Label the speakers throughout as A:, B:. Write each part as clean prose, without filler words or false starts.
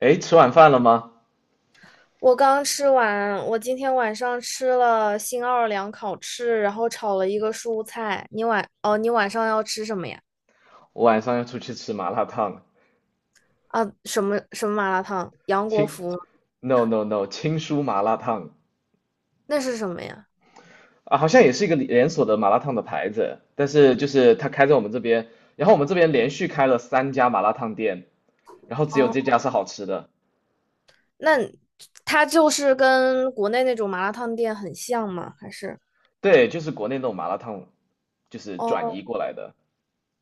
A: 哎，吃晚饭了吗？
B: 我刚吃完，我今天晚上吃了新奥尔良烤翅，然后炒了一个蔬菜。哦，你晚上要吃什么呀？
A: 我晚上要出去吃麻辣烫了，
B: 啊，什么麻辣烫？杨国
A: 青
B: 福吗？
A: ，no no no，青叔麻辣烫。
B: 那是什么呀？
A: 啊，好像也是一个连锁的麻辣烫的牌子，但是就是他开在我们这边，然后我们这边连续开了三家麻辣烫店，然后只有
B: 哦，
A: 这家是好吃的。
B: 那它就是跟国内那种麻辣烫店很像吗？还是？
A: 对，就是国内那种麻辣烫，就是转
B: 哦，
A: 移过来的。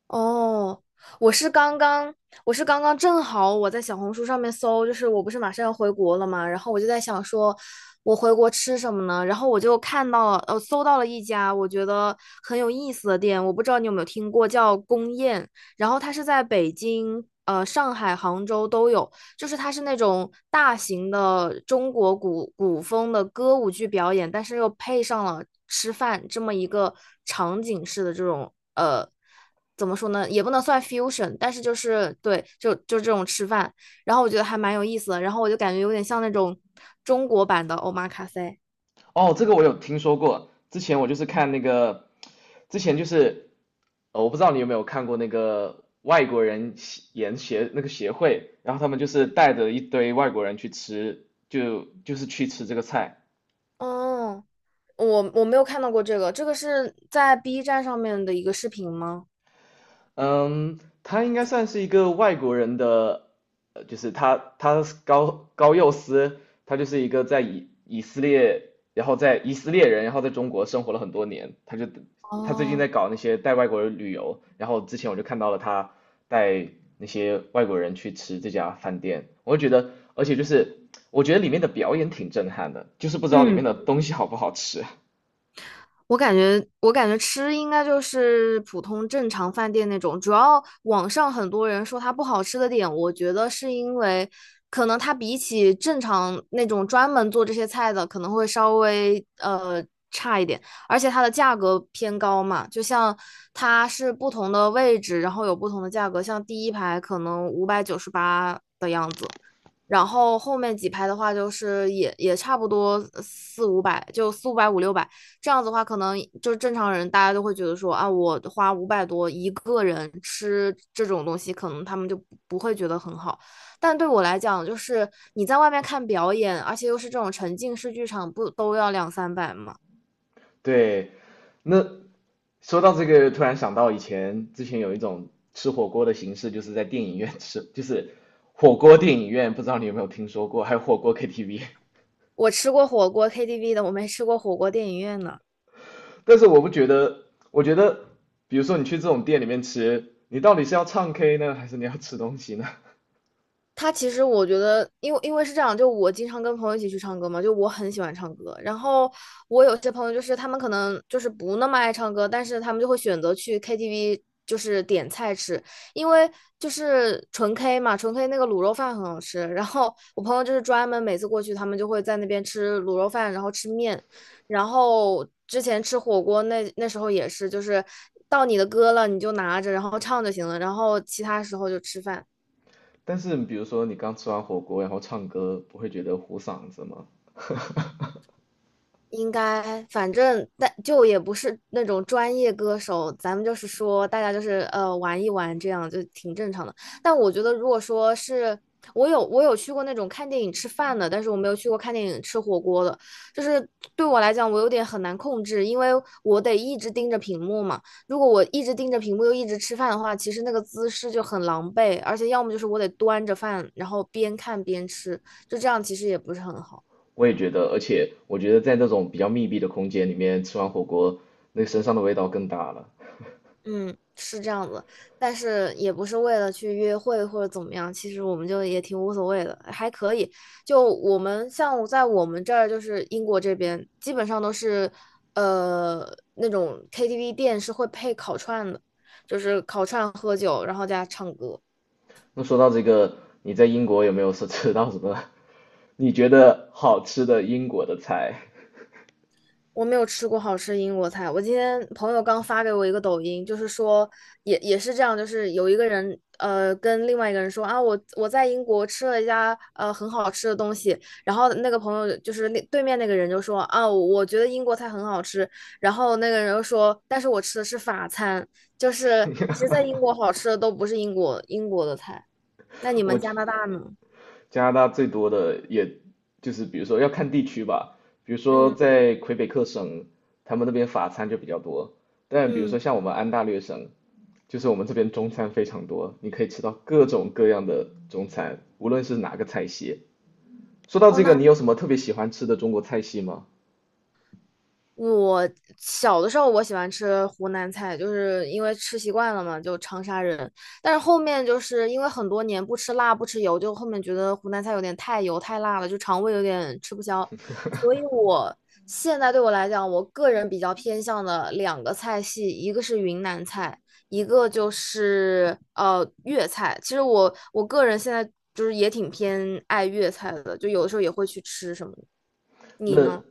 B: 哦，我是刚刚，我是刚刚正好我在小红书上面搜，就是我不是马上要回国了嘛，然后我就在想说，我回国吃什么呢？然后我就看到了，呃，搜到了一家我觉得很有意思的店，我不知道你有没有听过，叫宫宴，然后它是在北京、上海、杭州都有，就是它是那种大型的中国古风的歌舞剧表演，但是又配上了吃饭这么一个场景式的这种。怎么说呢，也不能算 fusion，但是就是对，就这种吃饭，然后我觉得还蛮有意思的，然后我就感觉有点像那种中国版的 omakase。
A: 哦，这个我有听说过。之前我就是看那个，之前就是呃，我不知道你有没有看过那个外国人协研协那个协会，然后他们就是带着一堆外国人去吃，就是去吃这个菜。
B: 哦，我没有看到过这个，这个是在 B 站上面的一个视频吗？
A: 嗯，他应该算是一个外国人的，就是他是高高佑斯，他就是一个在以色列，然后在以色列人，然后在中国生活了很多年，他就他最近
B: 哦，
A: 在搞那些带外国人旅游，然后之前我就看到了他带那些外国人去吃这家饭店，我就觉得，而且就是我觉得里面的表演挺震撼的，就是不知道里面
B: 嗯。
A: 的东西好不好吃。
B: 我感觉吃应该就是普通正常饭店那种。主要网上很多人说它不好吃的点，我觉得是因为可能它比起正常那种专门做这些菜的，可能会稍微差一点，而且它的价格偏高嘛。就像它是不同的位置，然后有不同的价格，像第一排可能598的样子，然后后面几排的话，就是也差不多四五百，就四五百五六百这样子的话，可能就是正常人大家都会觉得说啊，我花五百多一个人吃这种东西，可能他们就不会觉得很好。但对我来讲，就是你在外面看表演，而且又是这种沉浸式剧场，不都要两三百吗？
A: 对。那说到这个，突然想到以前之前有一种吃火锅的形式，就是在电影院吃，就是火锅电影院，不知道你有没有听说过，还有火锅 KTV。
B: 我吃过火锅 KTV 的，我没吃过火锅电影院呢。
A: 但是我不觉得，我觉得，比如说你去这种店里面吃，你到底是要唱 K 呢，还是你要吃东西呢？
B: 他其实我觉得，因为是这样，就我经常跟朋友一起去唱歌嘛，就我很喜欢唱歌。然后我有些朋友就是他们可能就是不那么爱唱歌，但是他们就会选择去 KTV，就是点菜吃，因为就是纯 K 嘛，纯 K 那个卤肉饭很好吃。然后我朋友就是专门每次过去，他们就会在那边吃卤肉饭，然后吃面，然后之前吃火锅那时候也是，就是到你的歌了你就拿着，然后唱就行了，然后其他时候就吃饭。
A: 但是比如说你刚吃完火锅，然后唱歌，不会觉得糊嗓子吗？
B: 应该，反正但就也不是那种专业歌手，咱们就是说大家就是玩一玩，这样就挺正常的。但我觉得，如果说是我有去过那种看电影吃饭的，但是我没有去过看电影吃火锅的，就是对我来讲，我有点很难控制，因为我得一直盯着屏幕嘛。如果我一直盯着屏幕又一直吃饭的话，其实那个姿势就很狼狈，而且要么就是我得端着饭，然后边看边吃，就这样其实也不是很好。
A: 我也觉得，而且我觉得在那种比较密闭的空间里面吃完火锅，那个身上的味道更大了。
B: 嗯，是这样子，但是也不是为了去约会或者怎么样，其实我们就也挺无所谓的，还可以。就我们像在我们这儿，就是英国这边，基本上都是呃那种 KTV 店是会配烤串的，就是烤串喝酒，然后加唱歌。
A: 那说到这个，你在英国有没有吃到什么你觉得好吃的英国的菜？
B: 我没有吃过好吃英国菜。我今天朋友刚发给我一个抖音，就是说也是这样，就是有一个人跟另外一个人说啊，我在英国吃了一家很好吃的东西，然后那个朋友就是那对面那个人就说啊，我觉得英国菜很好吃，然后那个人又说，但是我吃的是法餐，就是其实 在英国好吃的都不是英国的菜。那你
A: 我
B: 们加
A: 觉
B: 拿大呢？
A: 加拿大最多的也就是比如说要看地区吧，比如说
B: 嗯
A: 在魁北克省，他们那边法餐就比较多，但比如
B: 嗯，
A: 说像我们安大略省，就是我们这边中餐非常多，你可以吃到各种各样的中餐，无论是哪个菜系。说到
B: 哦，
A: 这个，
B: 那。
A: 你有什么特别喜欢吃的中国菜系吗？
B: 我小的时候我喜欢吃湖南菜，就是因为吃习惯了嘛，就长沙人。但是后面就是因为很多年不吃辣不吃油，就后面觉得湖南菜有点太油太辣了，就肠胃有点吃不消。所以我现在对我来讲，我个人比较偏向的两个菜系，一个是云南菜，一个就是粤菜。其实我个人现在就是也挺偏爱粤菜的，就有的时候也会去吃什么的。你
A: 那
B: 呢？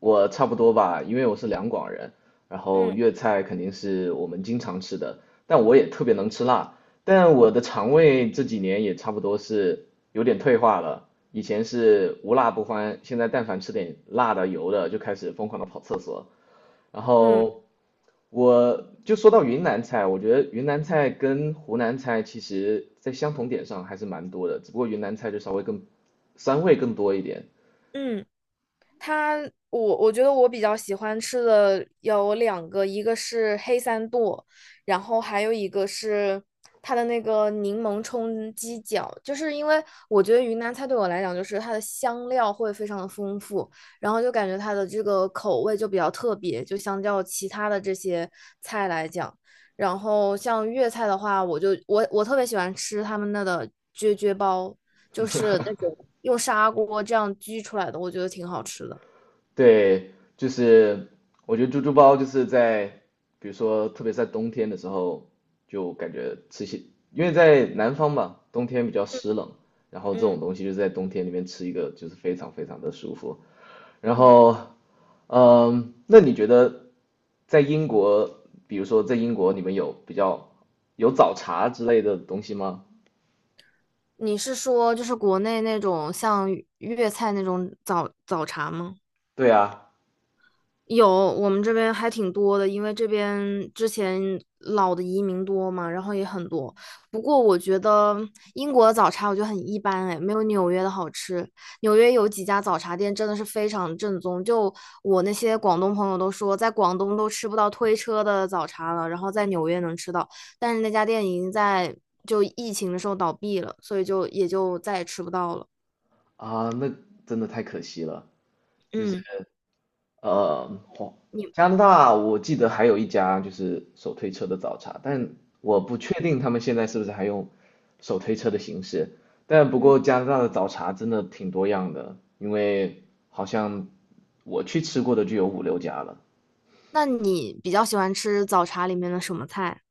A: 我差不多吧，因为我是两广人，然后
B: 嗯
A: 粤菜肯定是我们经常吃的，但我也特别能吃辣，但我的肠胃这几年也差不多是有点退化了，以前是无辣不欢，现在但凡吃点辣的、油的就开始疯狂的跑厕所。然
B: 嗯
A: 后我就说到云南菜，我觉得云南菜跟湖南菜其实在相同点上还是蛮多的，只不过云南菜就稍微更，酸味更多一点。
B: 嗯。它，我觉得我比较喜欢吃的有两个，一个是黑三剁，然后还有一个是它的那个柠檬冲鸡脚，就是因为我觉得云南菜对我来讲，就是它的香料会非常的丰富，然后就感觉它的这个口味就比较特别，就相较其他的这些菜来讲。然后像粤菜的话，我就我我特别喜欢吃他们那的啫啫煲，就是那种用砂锅这样焗出来的，我觉得挺好吃的。
A: 对，就是我觉得猪猪包就是在，比如说特别在冬天的时候，就感觉吃些，因为在南方嘛，冬天比较湿冷，然后这
B: 嗯
A: 种东西就在冬天里面吃一个，就是非常非常的舒服。然
B: 嗯，
A: 后，嗯，那你觉得在英国，比如说在英国，你们有比较有早茶之类的东西吗？
B: 你是说就是国内那种像粤菜那种早茶吗？
A: 对啊。
B: 有，我们这边还挺多的，因为这边之前老的移民多嘛，然后也很多。不过我觉得英国的早茶我觉得很一般，哎，没有纽约的好吃。纽约有几家早茶店真的是非常正宗，就我那些广东朋友都说，在广东都吃不到推车的早茶了，然后在纽约能吃到，但是那家店已经就疫情的时候倒闭了，所以就也就再也吃不到了。
A: 啊，那真的太可惜了。就是。
B: 嗯，
A: 呃，哦
B: 你，
A: 加拿大我记得还有一家就是手推车的早茶，但我
B: 嗯
A: 不确定他们现在是不是还用手推车的形式。但不
B: 嗯，
A: 过加拿大的早茶真的挺多样的，因为好像我去吃过的就有5、6家了。
B: 那你比较喜欢吃早茶里面的什么菜？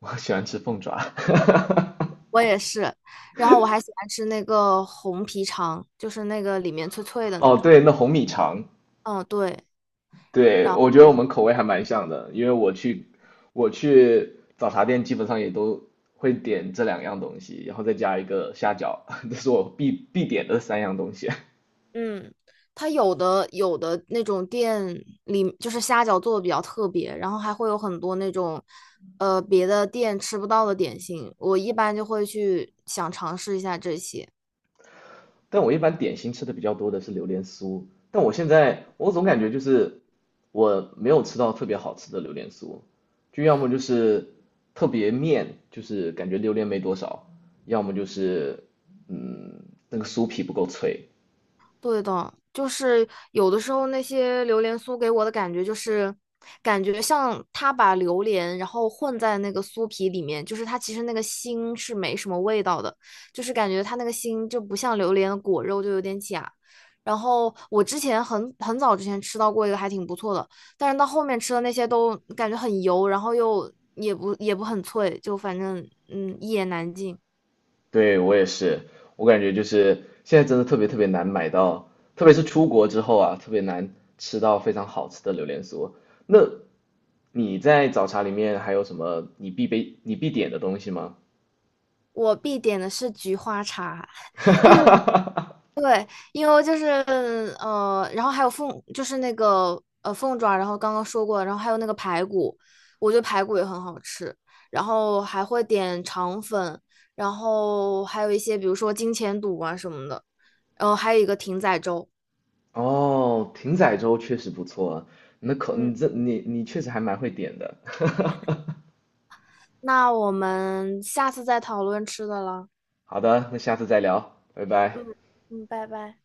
A: 我喜欢吃凤爪。
B: 我也是。然后我还喜欢吃那个红皮肠，就是那个里面脆脆的那
A: 哦，
B: 种。
A: 对，那红米肠。
B: 嗯，对。
A: 对，
B: 然后，
A: 我觉得我们口味还蛮像的，因为我去早茶店基本上也都会点这两样东西，然后再加一个虾饺，这是我必点的三样东西。
B: 嗯，它有的那种店里就是虾饺做的比较特别，然后还会有很多那种别的店吃不到的点心。我一般就会去想尝试一下这些。
A: 但我一般点心吃的比较多的是榴莲酥，但我现在我总感觉就是我没有吃到特别好吃的榴莲酥，就要么就是特别面，就是感觉榴莲没多少，要么就是嗯那个酥皮不够脆。
B: 对的，就是有的时候那些榴莲酥给我的感觉就是，感觉像他把榴莲然后混在那个酥皮里面，就是它其实那个心是没什么味道的，就是感觉它那个心就不像榴莲的果肉就有点假。然后我之前很早之前吃到过一个还挺不错的，但是到后面吃的那些都感觉很油，然后又也不很脆，就反正一言难尽。
A: 对，我也是，我感觉就是现在真的特别特别难买到，特别是出国之后啊，特别难吃到非常好吃的榴莲酥。那你在早茶里面还有什么你必备、你必点的东西吗？
B: 我必点的是菊花茶。就是。因为就是然后还有就是那个凤爪，然后刚刚说过，然后还有那个排骨，我觉得排骨也很好吃，然后还会点肠粉，然后还有一些比如说金钱肚啊什么的，然后还有一个艇仔粥。
A: 哦，艇仔粥确实不错啊，那口你
B: 嗯，
A: 你确实还蛮会点的。
B: 那我们下次再讨论吃的了。
A: 好的，那下次再聊，拜拜。
B: 嗯嗯，拜拜。